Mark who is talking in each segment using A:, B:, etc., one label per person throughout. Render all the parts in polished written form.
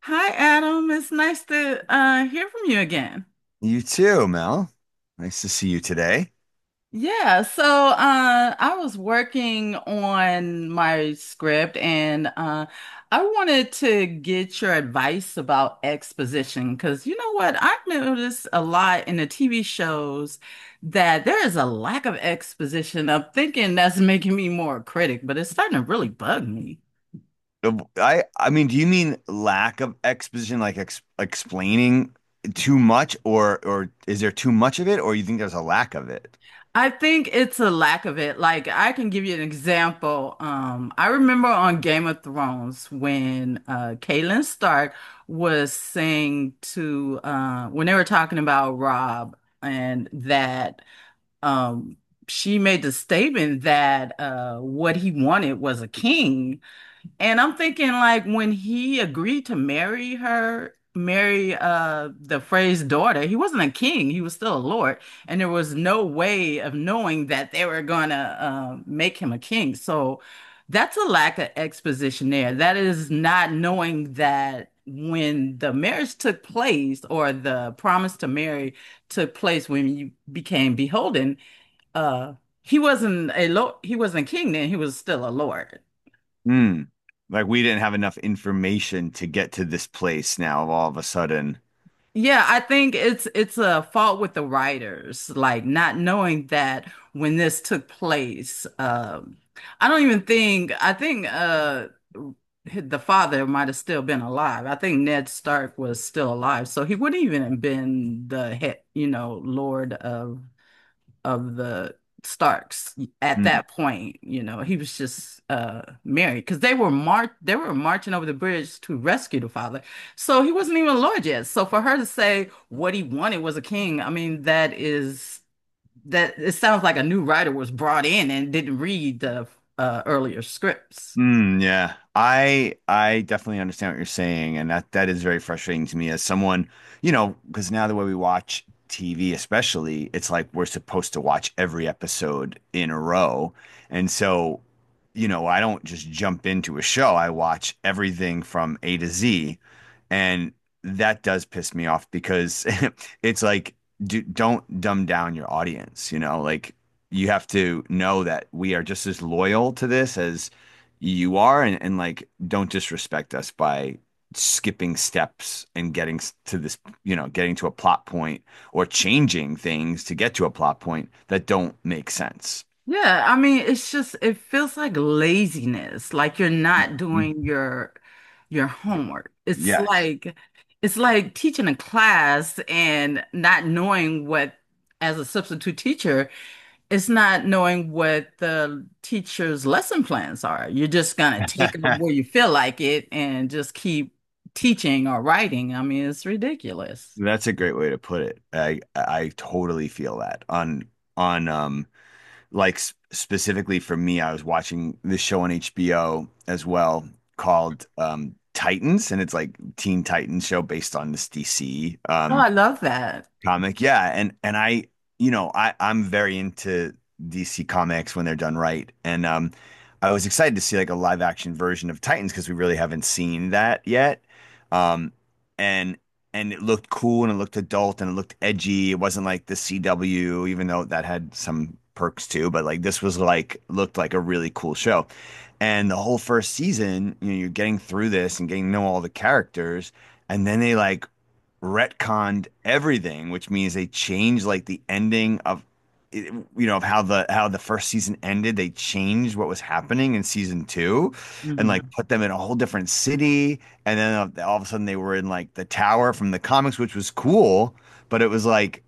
A: Hi, Adam. It's nice to hear from you again.
B: You too, Mel. Nice to see you today.
A: I was working on my script, and I wanted to get your advice about exposition. Because you know what? I've noticed a lot in the TV shows that there is a lack of exposition. I'm thinking that's making me more a critic, but it's starting to really bug me.
B: I mean, do you mean lack of exposition, like ex explaining too much, or is there too much of it, or you think there's a lack of it?
A: I think it's a lack of it. Like, I can give you an example. I remember on Game of Thrones when Catelyn Stark was saying to when they were talking about Rob and that um she made the statement that what he wanted was a king. And I'm thinking, like, when he agreed to marry her, marry the Frey's daughter, he wasn't a king, he was still a lord, and there was no way of knowing that they were gonna make him a king. So that's a lack of exposition there. That is not knowing that when the marriage took place, or the promise to marry took place, when you became beholden, uh he wasn't a lord, he wasn't king then, he was still a lord.
B: Hmm. Like we didn't have enough information to get to this place now all of a sudden.
A: Yeah, I think it's a fault with the writers, like not knowing that when this took place. I don't even think, I think the father might have still been alive. I think Ned Stark was still alive, so he wouldn't even have been the head, you know, Lord of the Starks at
B: Hmm.
A: that point. You know, he was just married because they were mar they were marching over the bridge to rescue the father. So he wasn't even a lord yet. So for her to say what he wanted was a king, I mean, that, is that it sounds like a new writer was brought in and didn't read the earlier scripts.
B: Yeah. I definitely understand what you're saying, and that is very frustrating to me as someone, you know, because now the way we watch TV, especially, it's like we're supposed to watch every episode in a row. And so, you know, I don't just jump into a show. I watch everything from A to Z, and that does piss me off because it's like don't dumb down your audience, you know, like you have to know that we are just as loyal to this as you are, and like don't disrespect us by skipping steps and getting to this you know, getting to a plot point, or changing things to get to a plot point that don't make sense.
A: Yeah, I mean, it's just, it feels like laziness, like you're not doing
B: Mhm.
A: your homework. It's
B: Yes.
A: like, it's like teaching a class and not knowing what, as a substitute teacher, it's not knowing what the teacher's lesson plans are. You're just gonna take up where you feel like it and just keep teaching or writing. I mean, it's ridiculous.
B: That's a great way to put it. I totally feel that on on um like specifically for me. I was watching this show on HBO as well called Titans, and it's like Teen Titans show based on this DC
A: Oh, I love that.
B: comic. Yeah, and you know, I'm very into DC comics when they're done right. And I was excited to see like a live action version of Titans because we really haven't seen that yet. Um and and it looked cool and it looked adult and it looked edgy. It wasn't like the CW, even though that had some perks too, but like this was like looked like a really cool show. And the whole first season, you know, you're getting through this and getting to know all the characters, and then they like retconned everything, which means they changed like the ending of, you know, of how the first season ended. They changed what was happening in season two, and like
A: Hmm.
B: put them in a whole different city. And then all of a sudden they were in like the tower from the comics, which was cool, but it was like,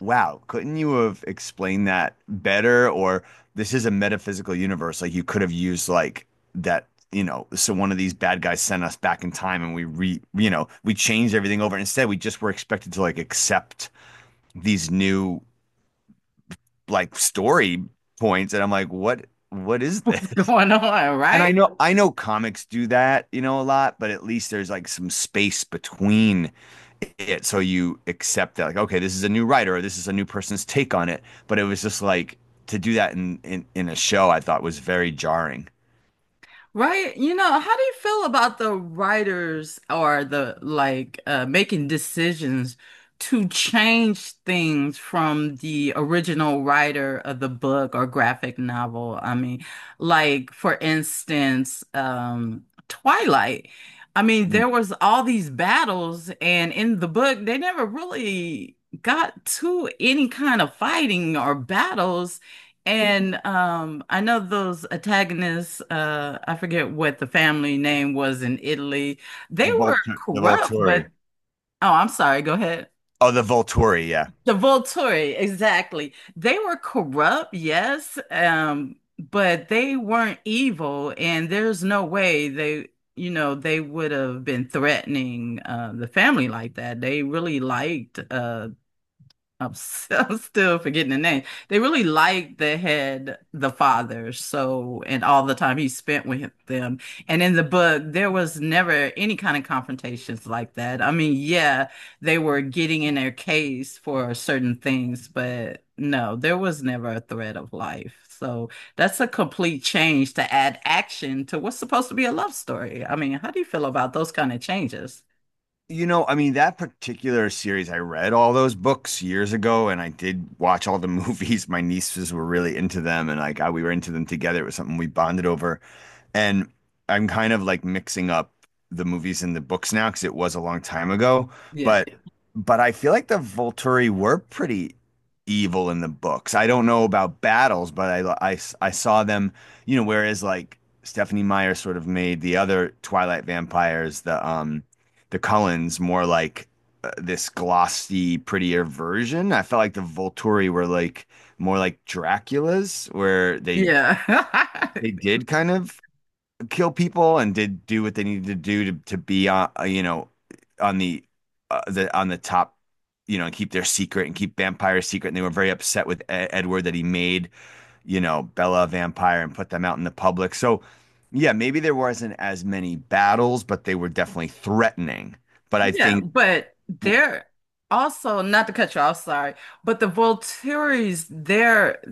B: wow, couldn't you have explained that better? Or this is a metaphysical universe. Like you could have used like that, you know, so one of these bad guys sent us back in time and you know, we changed everything over. Instead, we just were expected to like accept these new like story points. And I'm like, what is
A: What's
B: this?
A: going on,
B: And
A: right?
B: I know comics do that, you know, a lot, but at least there's like some space between it. So you accept that, like, okay, this is a new writer or this is a new person's take on it. But it was just like to do that in a show I thought was very jarring.
A: Right? You know, how do you feel about the writers or the, like, making decisions to change things from the original writer of the book or graphic novel? I mean, like, for instance, Twilight. I mean,
B: Mm.
A: there was all these battles, and in the book, they never really got to any kind of fighting or battles. And I know those antagonists, I forget what the family name was in Italy. They were
B: The
A: corrupt, but
B: Volturi.
A: oh, I'm sorry, go ahead.
B: Oh, the Volturi, yeah.
A: The Volturi, exactly. They were corrupt, yes, but they weren't evil, and there's no way they, you know, they would have been threatening the family like that. They really liked I'm, I'm still forgetting the name. They really liked the head, the father, so, and all the time he spent with them. And in the book, there was never any kind of confrontations like that. I mean, yeah, they were getting in their case for certain things, but no, there was never a threat of life. So that's a complete change to add action to what's supposed to be a love story. I mean, how do you feel about those kind of changes?
B: You know, I mean, that particular series, I read all those books years ago and I did watch all the movies. My nieces were really into them and we were into them together. It was something we bonded over. And I'm kind of like mixing up the movies and the books now because it was a long time ago.
A: Yeah.
B: But but I feel like the Volturi were pretty evil in the books. I don't know about battles, but I saw them, you know, whereas like Stephanie Meyer sort of made the other Twilight vampires, the Cullens more like this glossy, prettier version. I felt like the Volturi were like more like Dracula's where
A: Yeah.
B: they did kind of kill people and did do what they needed to do to be on, you know, on the on the top, you know, and keep their secret and keep vampires secret. And they were very upset with Edward that he made, you know, Bella a vampire and put them out in the public. So yeah, maybe there wasn't as many battles, but they were definitely threatening. But I
A: Yeah,
B: think
A: but they're also, not to cut you off, sorry, but the Volturi's,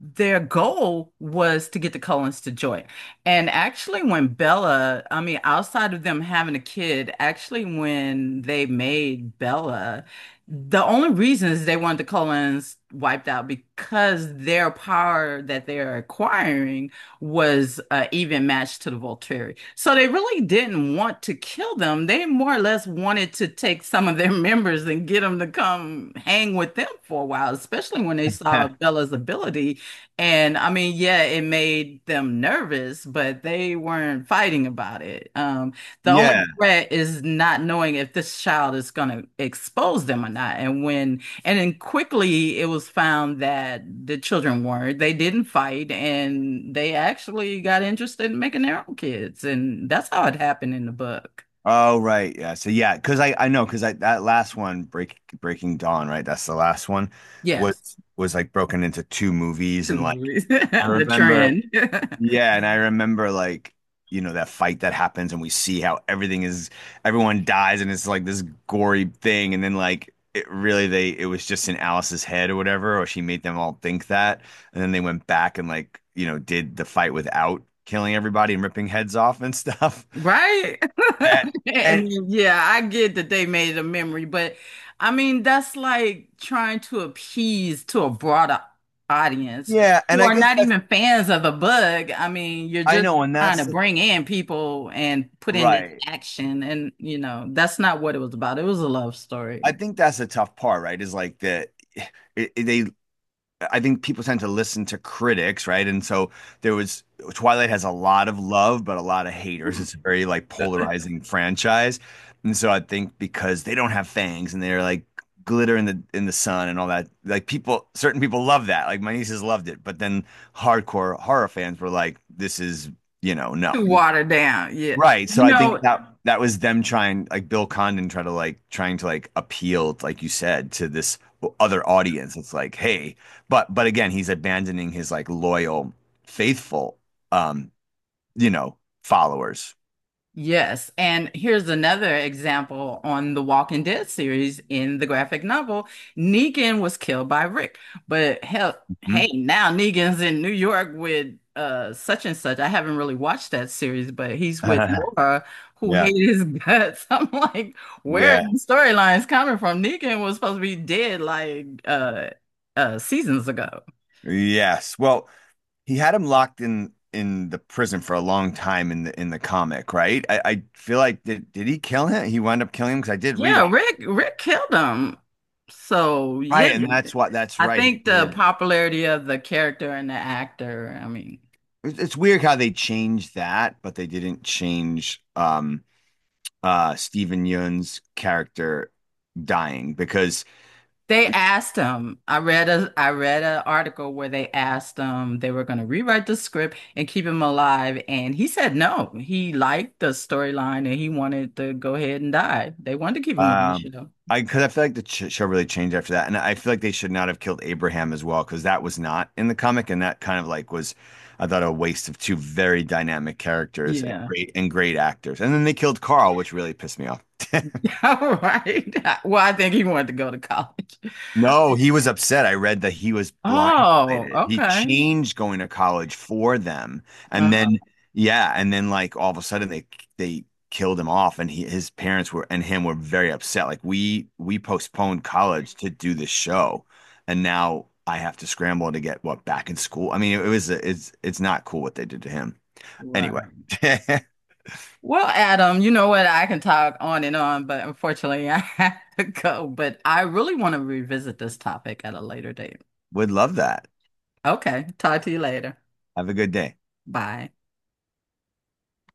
A: their goal was to get the Cullens to join. And actually when Bella, I mean, outside of them having a kid, actually when they made Bella, the only reason is they wanted the Cullens wiped out because their power that they're acquiring was even matched to the Volturi. So they really didn't want to kill them. They more or less wanted to take some of their members and get them to come hang with them for a while, especially when they saw Bella's ability. And I mean, yeah, it made them nervous, but they weren't fighting about it. The
B: yeah.
A: only threat is not knowing if this child is going to expose them or not. And when and then quickly it was found that the children weren't. They didn't fight, and they actually got interested in making their own kids. And that's how it happened in the book.
B: Oh, right. Yeah. So yeah, because I know because I, that last one, Breaking Dawn, right? That's the last one,
A: Yes.
B: was like broken into two movies
A: Two
B: and like
A: movies.
B: I
A: The
B: remember,
A: trend.
B: yeah, and I remember like, you know, that fight that happens and we see how everything is everyone dies and it's like this gory thing. And then like it really they it was just in Alice's head or whatever, or she made them all think that. And then they went back and like, you know, did the fight without killing everybody and ripping heads off and stuff.
A: Right?
B: And,
A: And
B: and
A: yeah, I get that they made a memory, but I mean, that's like trying to appease to a broader audience
B: yeah, and
A: who
B: I
A: are
B: guess
A: not
B: that's,
A: even fans of the bug. I mean, you're
B: I
A: just
B: know,
A: trying to bring in people and put in this
B: right.
A: action, and you know, that's not what it was about. It was a love
B: I
A: story.
B: think that's the tough part, right? Is like that, it- they I think people tend to listen to critics, right? And so there was, Twilight has a lot of love, but a lot of haters. It's a very like polarizing franchise. And so I think because they don't have fangs and they're like glitter in the sun and all that, like people, certain people love that. Like my nieces loved it, but then hardcore horror fans were like, this is, you know, no.
A: Too watered down. Yeah.
B: Right. So
A: You
B: I think
A: know,
B: that that was them trying, like Bill Condon trying to trying to like appeal, like you said, to this other audience. It's like, hey, but again, he's abandoning his like loyal, faithful, um, you know, followers.
A: yes, and here's another example. On the Walking Dead series, in the graphic novel, Negan was killed by Rick, but hell, hey,
B: Mhm.
A: now Negan's in New York with such and such. I haven't really watched that series, but he's with Laura, who
B: Yeah.
A: hated his guts. I'm like, where are
B: Yeah.
A: the storylines coming from? Negan was supposed to be dead like seasons ago.
B: Yes. Well, he had him locked in the prison for a long time in the comic, right? I feel like did he kill him? He wound up killing him because I did read
A: Yeah,
B: all.
A: Rick killed him. So yeah,
B: Right, and that's what, that's
A: I
B: right. He
A: think the
B: did.
A: popularity of the character and the actor. I mean,
B: It's weird how they changed that, but they didn't change Steven Yeun's character dying because
A: they asked him. I read a, I read an article where they asked him, they were going to rewrite the script and keep him alive, and he said no. He liked the storyline and he wanted to go ahead and die. They wanted to keep him on the
B: um
A: show.
B: I, because I feel like the ch show really changed after that. And I feel like they should not have killed Abraham as well because that was not in the comic, and that kind of like was, I thought, a waste of two very dynamic characters and
A: Yeah.
B: great actors. And then they killed Carl, which really pissed me off.
A: All right. Well, I think he wanted to go to college.
B: No, he was upset. I read that he was
A: Oh,
B: blindsided. He
A: okay.
B: changed going to college for them. And
A: Uh,
B: then yeah, and then like all of a sudden they killed him off. And he, his parents were and him were very upset. Like we postponed college to do this show and now I have to scramble to get what back in school. I mean, it's not cool what they did to him. Anyway,
A: right. Well, Adam, you know what? I can talk on and on, but unfortunately, I have to go. But I really want to revisit this topic at a later date.
B: would love that.
A: Okay, talk to you later.
B: Have a good day.
A: Bye.